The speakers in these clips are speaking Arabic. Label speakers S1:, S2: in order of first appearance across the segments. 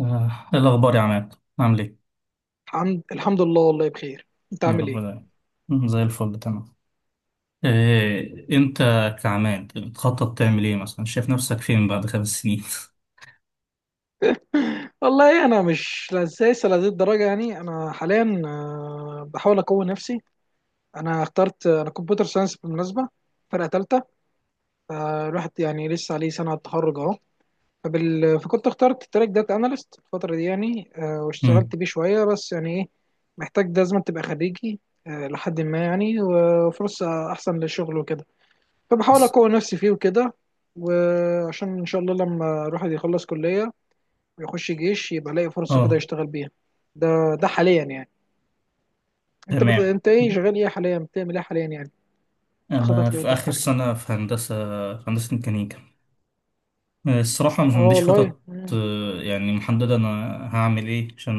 S1: إيه الأخبار يا عماد عامل إيه؟
S2: الحمد لله والله بخير. انت
S1: يا
S2: عامل
S1: رب
S2: ايه؟
S1: دايما. زي الفل تمام. إيه أنت كعماد بتخطط تعمل إيه مثلا شايف نفسك فين بعد 5 سنين؟
S2: والله انا مش لسه لهذه الدرجه، يعني انا حاليا بحاول اقوي نفسي. انا اخترت كمبيوتر ساينس بالمناسبه، فرقه ثالثه. فالواحد يعني لسه عليه سنه على التخرج اهو. فكنت اخترت تراك داتا اناليست الفتره دي، يعني
S1: مم.
S2: واشتغلت بيه شويه، بس يعني ايه، محتاج لازم تبقى خريجي، لحد ما يعني وفرصه احسن للشغل وكده. فبحاول اقوي نفسي فيه وكده، وعشان ان شاء الله لما الواحد يخلص كليه ويخش جيش يبقى لاقي فرصه كده
S1: آه،
S2: يشتغل بيها. ده ده حاليا يعني.
S1: تمام.
S2: انت ايه شغال ايه حاليا، بتعمل ايه حاليا يعني؟
S1: أنا
S2: خطط
S1: في
S2: لقدام
S1: آخر
S2: حاليا.
S1: سنة في هندسة ميكانيكا. الصراحة مش
S2: اه
S1: عنديش
S2: والله.
S1: خطط. يعني محددة أنا هعمل إيه عشان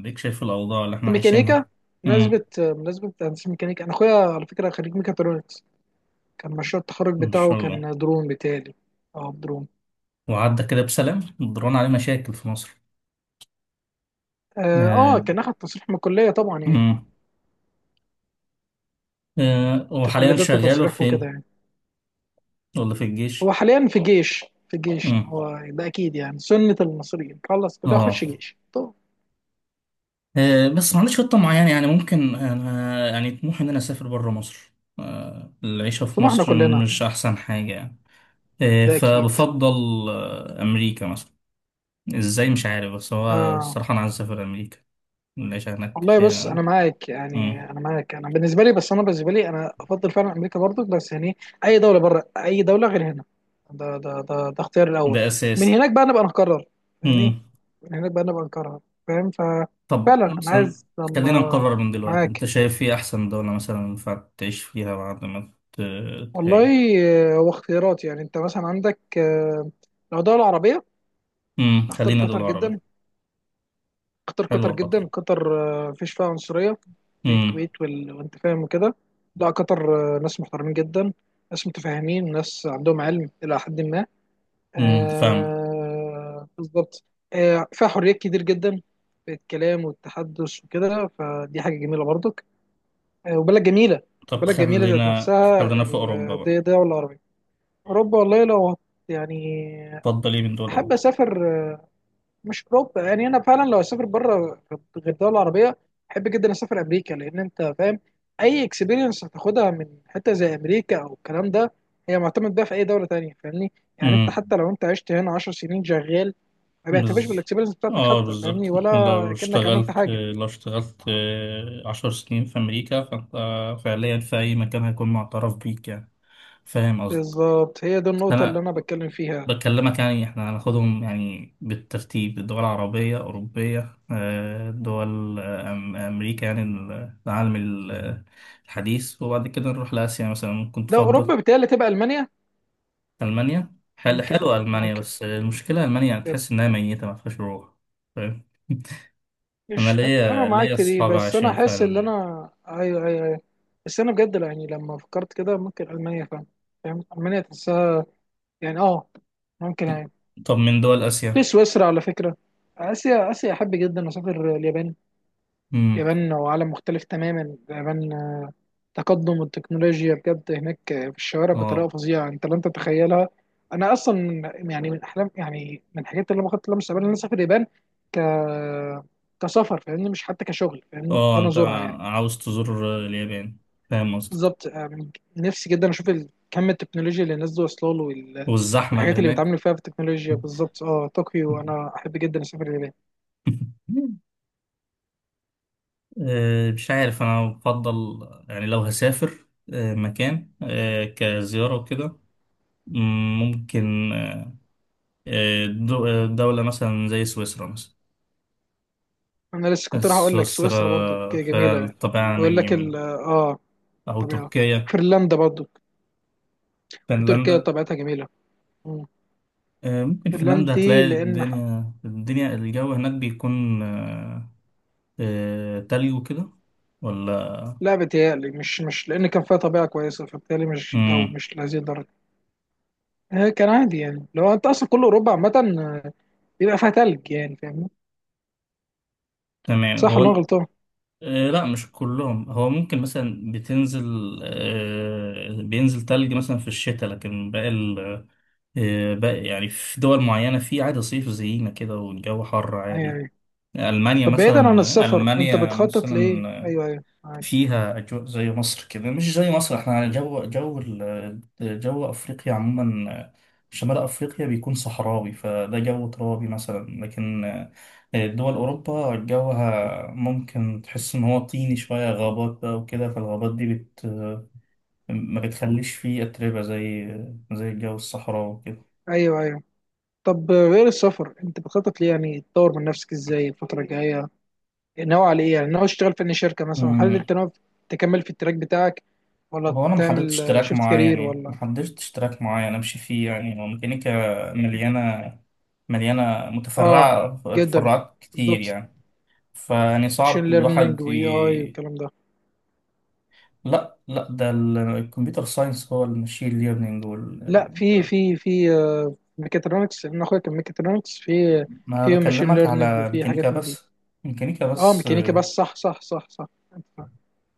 S1: أديك شايف الأوضاع اللي
S2: انت
S1: إحنا
S2: ميكانيكا؟
S1: عايشينها. مم.
S2: مناسبة هندسة ميكانيكا. انا اخويا على فكرة خريج ميكاترونكس، كان مشروع التخرج
S1: إن
S2: بتاعه
S1: شاء الله.
S2: كان درون بتاعي. اه درون.
S1: وعدى كده بسلام ضران عليه مشاكل في مصر.
S2: اه
S1: آه.
S2: كان اخد تصريح من الكلية طبعا يعني. انت الكلية
S1: وحاليا
S2: ده
S1: شغاله
S2: تصريح وكده
S1: فين
S2: يعني.
S1: ولا في
S2: هو
S1: الجيش؟
S2: حاليا في جيش يعني.
S1: امم
S2: هو ده اكيد يعني سنة المصريين خلص كلها
S1: اه.
S2: اخش جيش. طب،
S1: بس ما عنديش خطة معينة يعني ممكن أنا يعني طموحي إن أنا أسافر برا مصر. العيشة في
S2: طب ما احنا
S1: مصر
S2: كلنا.
S1: مش أحسن حاجة يعني.
S2: ده اكيد.
S1: فبفضل أمريكا مثلا. إزاي مش عارف بس هو
S2: آه
S1: الصراحة أنا عايز أسافر أمريكا. العيشة هناك
S2: والله بص انا
S1: فيها.
S2: معاك،
S1: مم.
S2: يعني انا بالنسبه لي، انا افضل فعلا امريكا برضو، بس يعني اي دوله بره، اي دوله غير هنا. ده اختيار الاول.
S1: ده
S2: من
S1: أساسي.
S2: هناك بقى نبقى نقرر، يعني
S1: مم.
S2: من هناك بقى نبقى نقرر. فاهم؟
S1: طب
S2: ففعلا انا
S1: مثلا
S2: عايز
S1: خلينا
S2: لما،
S1: نقرر من دلوقتي أنت
S2: معاك
S1: شايف إيه أحسن دولة مثلا ينفع تعيش فيها بعد ما
S2: والله.
S1: تهاجر؟
S2: هو اختيارات، يعني انت مثلا عندك، لو دوله عربيه اختار
S1: خلينا
S2: قطر
S1: دول عربي.
S2: جدا. قطر قطر
S1: حلوة
S2: جدا
S1: قطر.
S2: قطر مفيش فيها عنصرية زي
S1: امم
S2: الكويت وانت فاهم وكده. لا قطر ناس محترمين جدا، ناس متفاهمين، ناس عندهم علم إلى حد ما.
S1: فاهم.
S2: بالظبط. فيها حريات كتير جدا في الكلام والتحدث وكده، فدي حاجة جميلة برضك. وبلد جميلة،
S1: طب
S2: البلد جميلة ذات
S1: خلينا
S2: نفسها.
S1: خلينا في أوروبا
S2: دي
S1: بقى.
S2: دولة عربية. أوروبا والله يعني
S1: اتفضل ايه من دول
S2: أحب
S1: أوروبا؟
S2: أسافر. مش اوروبا، يعني انا فعلا لو اسافر بره غير الدول العربيه احب جدا اسافر امريكا، لان انت فاهم اي اكسبيرينس هتاخدها من حته زي امريكا او الكلام ده هي معتمد بقى في اي دوله تانية. فاهمني يعني؟ انت
S1: امم.
S2: حتى لو انت عشت هنا 10 سنين شغال، ما بيعترفش
S1: بز...
S2: بالاكسبيرينس بتاعتك
S1: اه،
S2: حتى، فاهمني،
S1: بالظبط لو
S2: ولا كانك عملت
S1: اشتغلت
S2: حاجه.
S1: 10 سنين في أمريكا فأنت فعليا في أي مكان هيكون معترف بيك يعني. فاهم قصدك.
S2: بالظبط، هي دي
S1: بس
S2: النقطه اللي
S1: أنا
S2: انا بتكلم فيها.
S1: بكلمك يعني احنا هناخدهم يعني بالترتيب الدول العربية أوروبية، دول أمريكا يعني العالم الحديث وبعد كده نروح لآسيا مثلا ممكن
S2: لو
S1: تفضل.
S2: اوروبا بتهيألي تبقى المانيا.
S1: ألمانيا
S2: ممكن،
S1: حلوة. ألمانيا
S2: ممكن.
S1: بس المشكلة ألمانيا يعني تحس إنها ميتة ما فيهاش روح فاهم. أنا
S2: مش هت... اه
S1: ليا
S2: معاك في دي،
S1: أصحاب
S2: بس انا
S1: عايشين في
S2: احس ان
S1: ألمانيا.
S2: انا، ايوه، بس انا بجد لا، يعني لما فكرت كده ممكن المانيا، فاهم، فاهم، المانيا تحسها يعني، اه ممكن
S1: طب
S2: يعني.
S1: طب من دول
S2: في
S1: آسيا.
S2: سويسرا على فكره. اسيا، اسيا احب جدا اسافر اليابان.
S1: امم.
S2: اليابان وعالم مختلف تماما اليابان. تقدم التكنولوجيا بجد هناك في الشوارع بطريقه
S1: اه،
S2: فظيعه، انت لا انت تتخيلها. انا اصلا يعني من احلام، يعني من الحاجات اللي انا خدت لها مستقبلا ان انا اسافر اليابان. ك كسفر فاهمني، مش حتى كشغل فاهمني، ده
S1: اه،
S2: انا
S1: أنت
S2: ازورها يعني.
S1: عاوز تزور اليابان؟ فاهم قصدك.
S2: بالظبط يعني. نفسي جدا اشوف كم التكنولوجيا اللي الناس دي واصله له
S1: والزحمة اللي
S2: والحاجات اللي
S1: هناك.
S2: بيتعاملوا فيها في التكنولوجيا. بالظبط اه طوكيو، انا احب جدا اسافر اليابان.
S1: مش عارف انا بفضل يعني لو هسافر مكان كزيارة وكده. ممكن دولة مثلا زي سويسرا مثلا.
S2: انا لسه كنت راح اقول لك
S1: سويسرا
S2: سويسرا برضو
S1: فيها
S2: جميله.
S1: الطبيعة هناك
S2: بقول لك ال
S1: جميلة.
S2: اه
S1: أو
S2: طبيعه.
S1: تركيا.
S2: فنلندا برضو وتركيا
S1: فنلندا.
S2: طبيعتها جميله. مم.
S1: ممكن
S2: فنلندا
S1: فنلندا
S2: دي
S1: هتلاقي
S2: لان
S1: الدنيا الجو هناك بيكون تلج وكده ولا؟
S2: لا بتهيألي مش، لان كان فيها طبيعه كويسه فبالتالي مش جو
S1: مم.
S2: مش لهذه الدرجه. كان عادي، يعني لو انت اصلا كل اوروبا عامه، آه، بيبقى فيها تلج يعني فاهمني.
S1: تمام
S2: صح
S1: هو
S2: ولا أنا غلطان؟
S1: لا مش كلهم. هو ممكن مثلا بتنزل آه، بينزل تلج مثلا في الشتاء لكن باقي باقي يعني في دول معينة في عادي صيف زينا كده والجو حر عادي.
S2: يعني.
S1: ألمانيا
S2: طب بعيدا عن
S1: مثلا
S2: السفر انت
S1: ألمانيا
S2: بتخطط لايه؟
S1: مثلا
S2: ايوه معاك،
S1: فيها أجواء زي مصر كده مش زي مصر. احنا على جو جو أفريقيا عموما. شمال أفريقيا بيكون صحراوي فده جو ترابي مثلا لكن دول أوروبا جوها ممكن تحس إن هو طيني شوية غابات بقى وكده فالغابات دي ما بتخليش فيه أتربة زي الجو الصحراوي
S2: ايوه. طب غير السفر انت بتخطط ليه؟ يعني تطور من نفسك ازاي الفتره الجايه؟ ناوي على ايه؟ يعني ناوي تشتغل في أي شركه مثلا؟ هل انت
S1: وكده.
S2: ناوي تكمل في التراك بتاعك ولا
S1: هو انا ما
S2: تعمل
S1: حددتش تراك
S2: شيفت
S1: معين
S2: كارير
S1: يعني ما
S2: ولا؟
S1: حددتش تراك معين امشي فيه يعني هو ميكانيكا مليانه
S2: اه،
S1: متفرعه
S2: جدا،
S1: تفرعات كتير
S2: بالظبط.
S1: يعني. فيعني
S2: ماشين
S1: صعب
S2: ليرنينج
S1: الواحد
S2: واي اي والكلام ده؟
S1: لا لا ده الكمبيوتر ساينس هو المشين ليرنينج
S2: لا، في في في ميكاترونكس، انا اخويا كان ميكاترونكس، في
S1: ما
S2: في ماشين
S1: بكلمك
S2: ليرنينج،
S1: على
S2: وفي
S1: ميكانيكا
S2: حاجات من دي.
S1: بس. ميكانيكا
S2: اه
S1: بس
S2: ميكانيكا بس،
S1: اه.
S2: صح.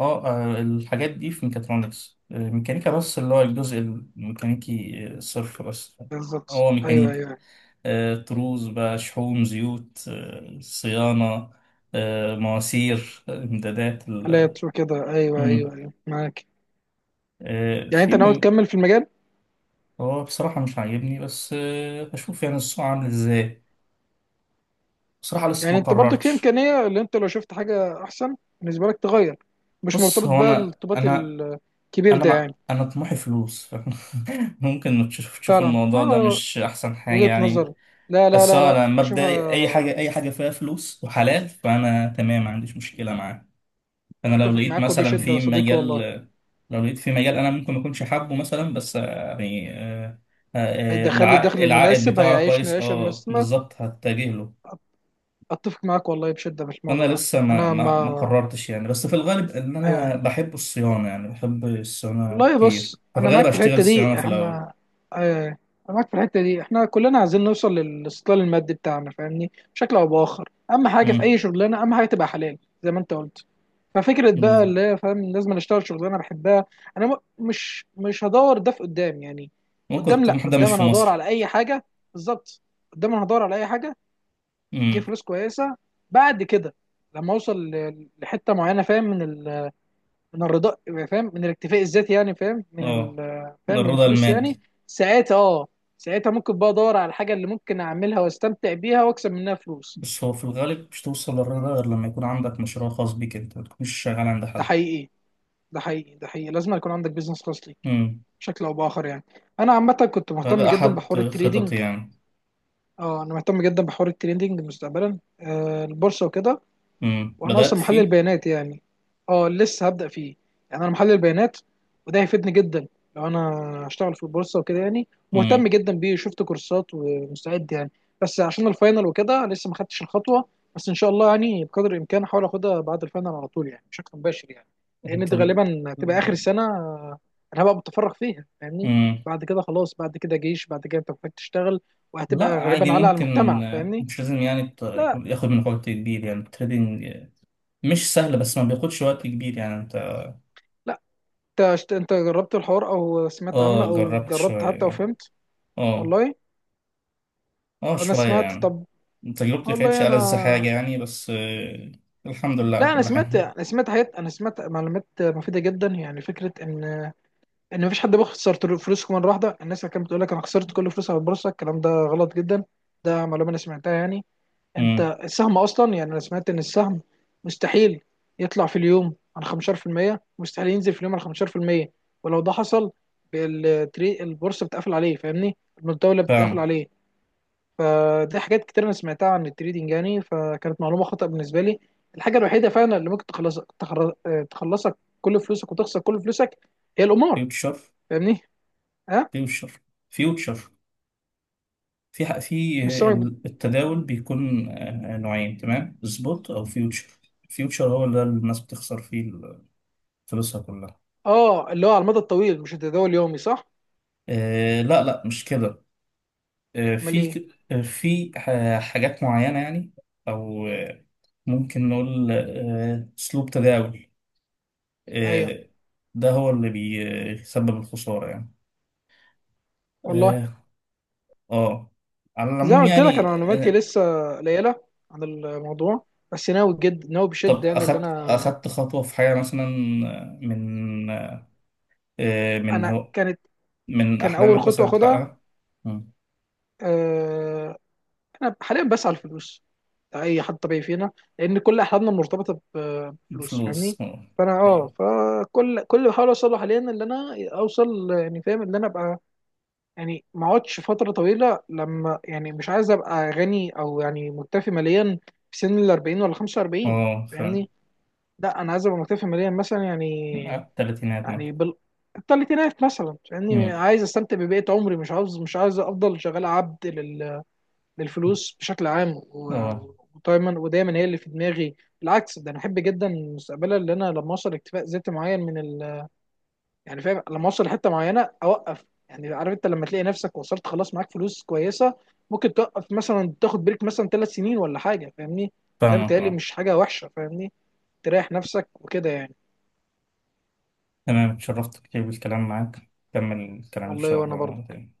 S1: الحاجات دي في ميكاترونكس، ميكانيكا بس اللي هو الجزء الميكانيكي صرف بس.
S2: بالظبط
S1: هو
S2: ايوه
S1: ميكانيكا
S2: ايوه أيوة.
S1: طروز بقى شحوم زيوت، صيانة، مواسير، امدادات
S2: لا ترو كده، ايوه ايوه
S1: مم.
S2: ايوه معاك.
S1: آه،
S2: يعني
S1: في
S2: انت ناوي
S1: م-
S2: تكمل في المجال؟
S1: هو بصراحة مش عاجبني بس هشوف يعني السوق عامل ازاي. بصراحة لسه
S2: يعني
S1: ما
S2: انت برضك في
S1: قررتش.
S2: امكانيه اللي انت لو شفت حاجه احسن بالنسبه لك تغير، مش
S1: بص
S2: مرتبط
S1: هو
S2: بقى
S1: انا
S2: الارتباط
S1: انا
S2: الكبير
S1: انا
S2: ده
S1: مع...
S2: يعني.
S1: انا طموحي فلوس. فاهم؟ ممكن تشوف
S2: فعلا
S1: الموضوع ده
S2: اه،
S1: مش احسن حاجة
S2: وجهه
S1: يعني.
S2: نظر. لا لا
S1: بس
S2: لا
S1: هو انا
S2: لا
S1: مبدئي اي حاجة
S2: اشوفها.
S1: اي حاجة فيها فلوس وحلال فانا تمام ما عنديش مشكلة معاه. انا
S2: اتفق معاك وبشده يا صديقي والله.
S1: لو لقيت في مجال انا ممكن ما اكونش حابه مثلا بس يعني
S2: هيدخل لي
S1: العائد
S2: الدخل
S1: العائد
S2: المناسب،
S1: بتاعه
S2: هيعيشني
S1: كويس
S2: العيشه
S1: اه
S2: المسلمه.
S1: بالظبط هتجه له.
S2: اتفق معاك والله بشده في
S1: انا
S2: الموضوع ده.
S1: لسه ما
S2: انا
S1: ما ما
S2: ما
S1: قررتش يعني بس في الغالب ان
S2: ايوه
S1: انا
S2: أيوة.
S1: بحب الصيانه يعني بحب الصيانه
S2: والله بص
S1: كتير ففي
S2: انا
S1: الغالب
S2: معاك في
S1: هشتغل
S2: الحته
S1: صيانه
S2: دي
S1: في الاول.
S2: احنا، آه، انا معاك في الحته دي. احنا كلنا عايزين نوصل للاستقلال المادي بتاعنا، فاهمني؟ بشكل او باخر اهم حاجه في
S1: امم.
S2: اي شغلانه اهم حاجه تبقى حلال زي ما انت قلت. ففكره بقى
S1: بالظبط.
S2: اللي هي فاهم لازم أنا اشتغل شغلانه بحبها، انا م- مش هدور ده في قدام يعني.
S1: ممكن
S2: قدام لا،
S1: الطموح ده مش
S2: قدام
S1: في
S2: انا هدور
S1: مصر.
S2: على اي حاجه، بالظبط، قدام انا هدور على اي حاجه تجيب
S1: امم.
S2: فلوس كويسه. بعد كده لما اوصل لحته معينه، فاهم، من من الرضا، فاهم من الاكتفاء الذاتي، يعني فاهم
S1: اه.
S2: فاهم من
S1: الرضا
S2: الفلوس يعني.
S1: المادي.
S2: ساعتها اه، ساعتها ممكن بقى ادور على الحاجه اللي ممكن اعملها واستمتع بيها واكسب منها فلوس.
S1: بس هو في الغالب مش توصل للرضا غير لما يكون عندك مشروع خاص بيك انت ما تكونش شغال عند
S2: ده
S1: حد.
S2: حقيقي ده حقيقي ده حقيقي، لازم يكون عندك بيزنس خاص ليك
S1: امم.
S2: بشكل او باخر يعني. انا عامه كنت مهتم
S1: هذا
S2: جدا
S1: أحد
S2: بحوار التريدينج.
S1: خططي يعني.
S2: اه انا مهتم جدا بحوار التريدينج مستقبلا، آه البورصه وكده.
S1: مم.
S2: وانا
S1: بدأت
S2: اصلا محلل
S1: فيه.
S2: بيانات يعني. اه لسه هبدأ فيه. يعني انا محلل بيانات وده هيفيدني جدا لو انا هشتغل في البورصة وكده، يعني مهتم
S1: مم.
S2: جدا بيه، شفت كورسات ومستعد يعني، بس عشان الفاينل وكده لسه ما خدتش الخطوة. بس ان شاء الله يعني بقدر الامكان هحاول اخدها بعد الفاينل على طول يعني بشكل مباشر يعني، لان دي
S1: طب.
S2: غالبا هتبقى اخر سنة انا هبقى متفرغ فيها فاهمني.
S1: مم.
S2: بعد كده خلاص، بعد كده جيش، بعد كده انت محتاج تشتغل، وهتبقى
S1: لا
S2: غالبا
S1: عادي
S2: على على المجتمع
S1: ممكن
S2: فاهمني.
S1: مش لازم يعني
S2: لا
S1: ياخد منك وقت كبير يعني التريدينج. مش سهل بس ما بياخدش وقت كبير يعني انت.
S2: انت انت جربت الحوار او سمعت عنه
S1: اه،
S2: او
S1: جربت
S2: جربت
S1: شوية
S2: حتى
S1: يعني.
S2: وفهمت؟
S1: اه.
S2: والله
S1: اه،
S2: انا
S1: شوية
S2: سمعت.
S1: يعني.
S2: طب
S1: تجربتي كانتش
S2: والله انا،
S1: ألذ حاجة يعني بس الحمد لله على
S2: لا انا
S1: كل
S2: سمعت،
S1: حال.
S2: انا سمعت حاجات، انا سمعت معلومات مفيده جدا، يعني فكره ان ان مفيش حد بيخسر فلوسه مره واحده. الناس اللي كانت بتقول لك انا خسرت كل فلوسي على البورصه، الكلام ده غلط جدا، ده معلومه انا سمعتها يعني. انت
S1: مم.
S2: السهم اصلا، يعني انا سمعت ان السهم مستحيل يطلع في اليوم عن 15%، مستحيل ينزل في اليوم عن 15%، ولو ده حصل البورصه بتقفل عليه فاهمني، الدوله بتقفل
S1: فاهم.
S2: عليه. فدي حاجات كتير انا سمعتها عن التريدينج، يعني فكانت معلومه خطا بالنسبه لي. الحاجه الوحيده فعلا اللي ممكن تخلصك تخلصك كل فلوسك وتخسر كل فلوسك هي القمار،
S1: فيوتشر.
S2: فاهمني؟ ها،
S1: فيوتشر. فيوتشر. في حق في
S2: مش سامعك
S1: التداول بيكون نوعين تمام سبوت او فيوتشر. فيوتشر هو اللي الناس بتخسر فيه فلوسها كلها.
S2: اه اللي هو على المدى الطويل مش التداول اليومي صح؟
S1: لا لا مش كده.
S2: امال
S1: في
S2: ايه؟
S1: في حاجات معينة يعني. او ممكن نقول اسلوب تداول.
S2: ايوه.
S1: آه. ده هو اللي بيسبب الخسارة يعني.
S2: والله
S1: اه. آه. على
S2: زي
S1: العموم
S2: ما قلت لك انا
S1: يعني
S2: معلوماتي
S1: آه،
S2: لسه قليله عن الموضوع، بس ناوي، جد ناوي
S1: طب
S2: بشده يعني. اللي
S1: أخدت
S2: انا،
S1: أخدت خطوة في حاجة مثلا آه، من
S2: انا
S1: هو
S2: كانت
S1: من
S2: كان اول
S1: أحلامك
S2: خطوه
S1: مثلا
S2: اخدها
S1: تحققها. مم.
S2: آه، انا حاليا بسعى الفلوس. اي حد طبيعي فينا، لان كل احلامنا مرتبطه بفلوس فاهمني.
S1: فلوس اه.
S2: فانا اه
S1: أيوة.
S2: فكل اللي بحاول اوصل له حاليا، اللي انا اوصل يعني فاهم اللي انا ابقى، يعني ما اقعدش فتره طويله لما، يعني مش عايز ابقى غني، او يعني مكتفي ماليا في سن ال 40 ولا 45
S1: فاهم.
S2: فاهمني. لا انا عايز ابقى مكتفي ماليا مثلا يعني،
S1: على التلاتينات
S2: يعني
S1: مثلا.
S2: بال الثلاثينات مثلا، يعني
S1: مم.
S2: عايز استمتع ببقيه عمري، مش عاوز مش عايز افضل شغال عبد للفلوس بشكل عام
S1: اه،
S2: ودايما هي اللي في دماغي. بالعكس ده انا احب جدا مستقبلا اللي انا لما اوصل اكتفاء ذاتي معين يعني فاهم لما اوصل لحته معينه اوقف، يعني عارف انت لما تلاقي نفسك وصلت خلاص معاك فلوس كويسه ممكن توقف مثلا، تاخد بريك مثلا ثلاث سنين ولا حاجه فاهمني. ده
S1: فاهمك.
S2: بيتهيألي
S1: اه.
S2: مش حاجه وحشه فاهمني، تريح نفسك وكده يعني.
S1: تمام اتشرفت كتير بالكلام معاك كمل الكلام إن
S2: والله
S1: شاء
S2: وانا
S1: الله
S2: برضه.
S1: تاني.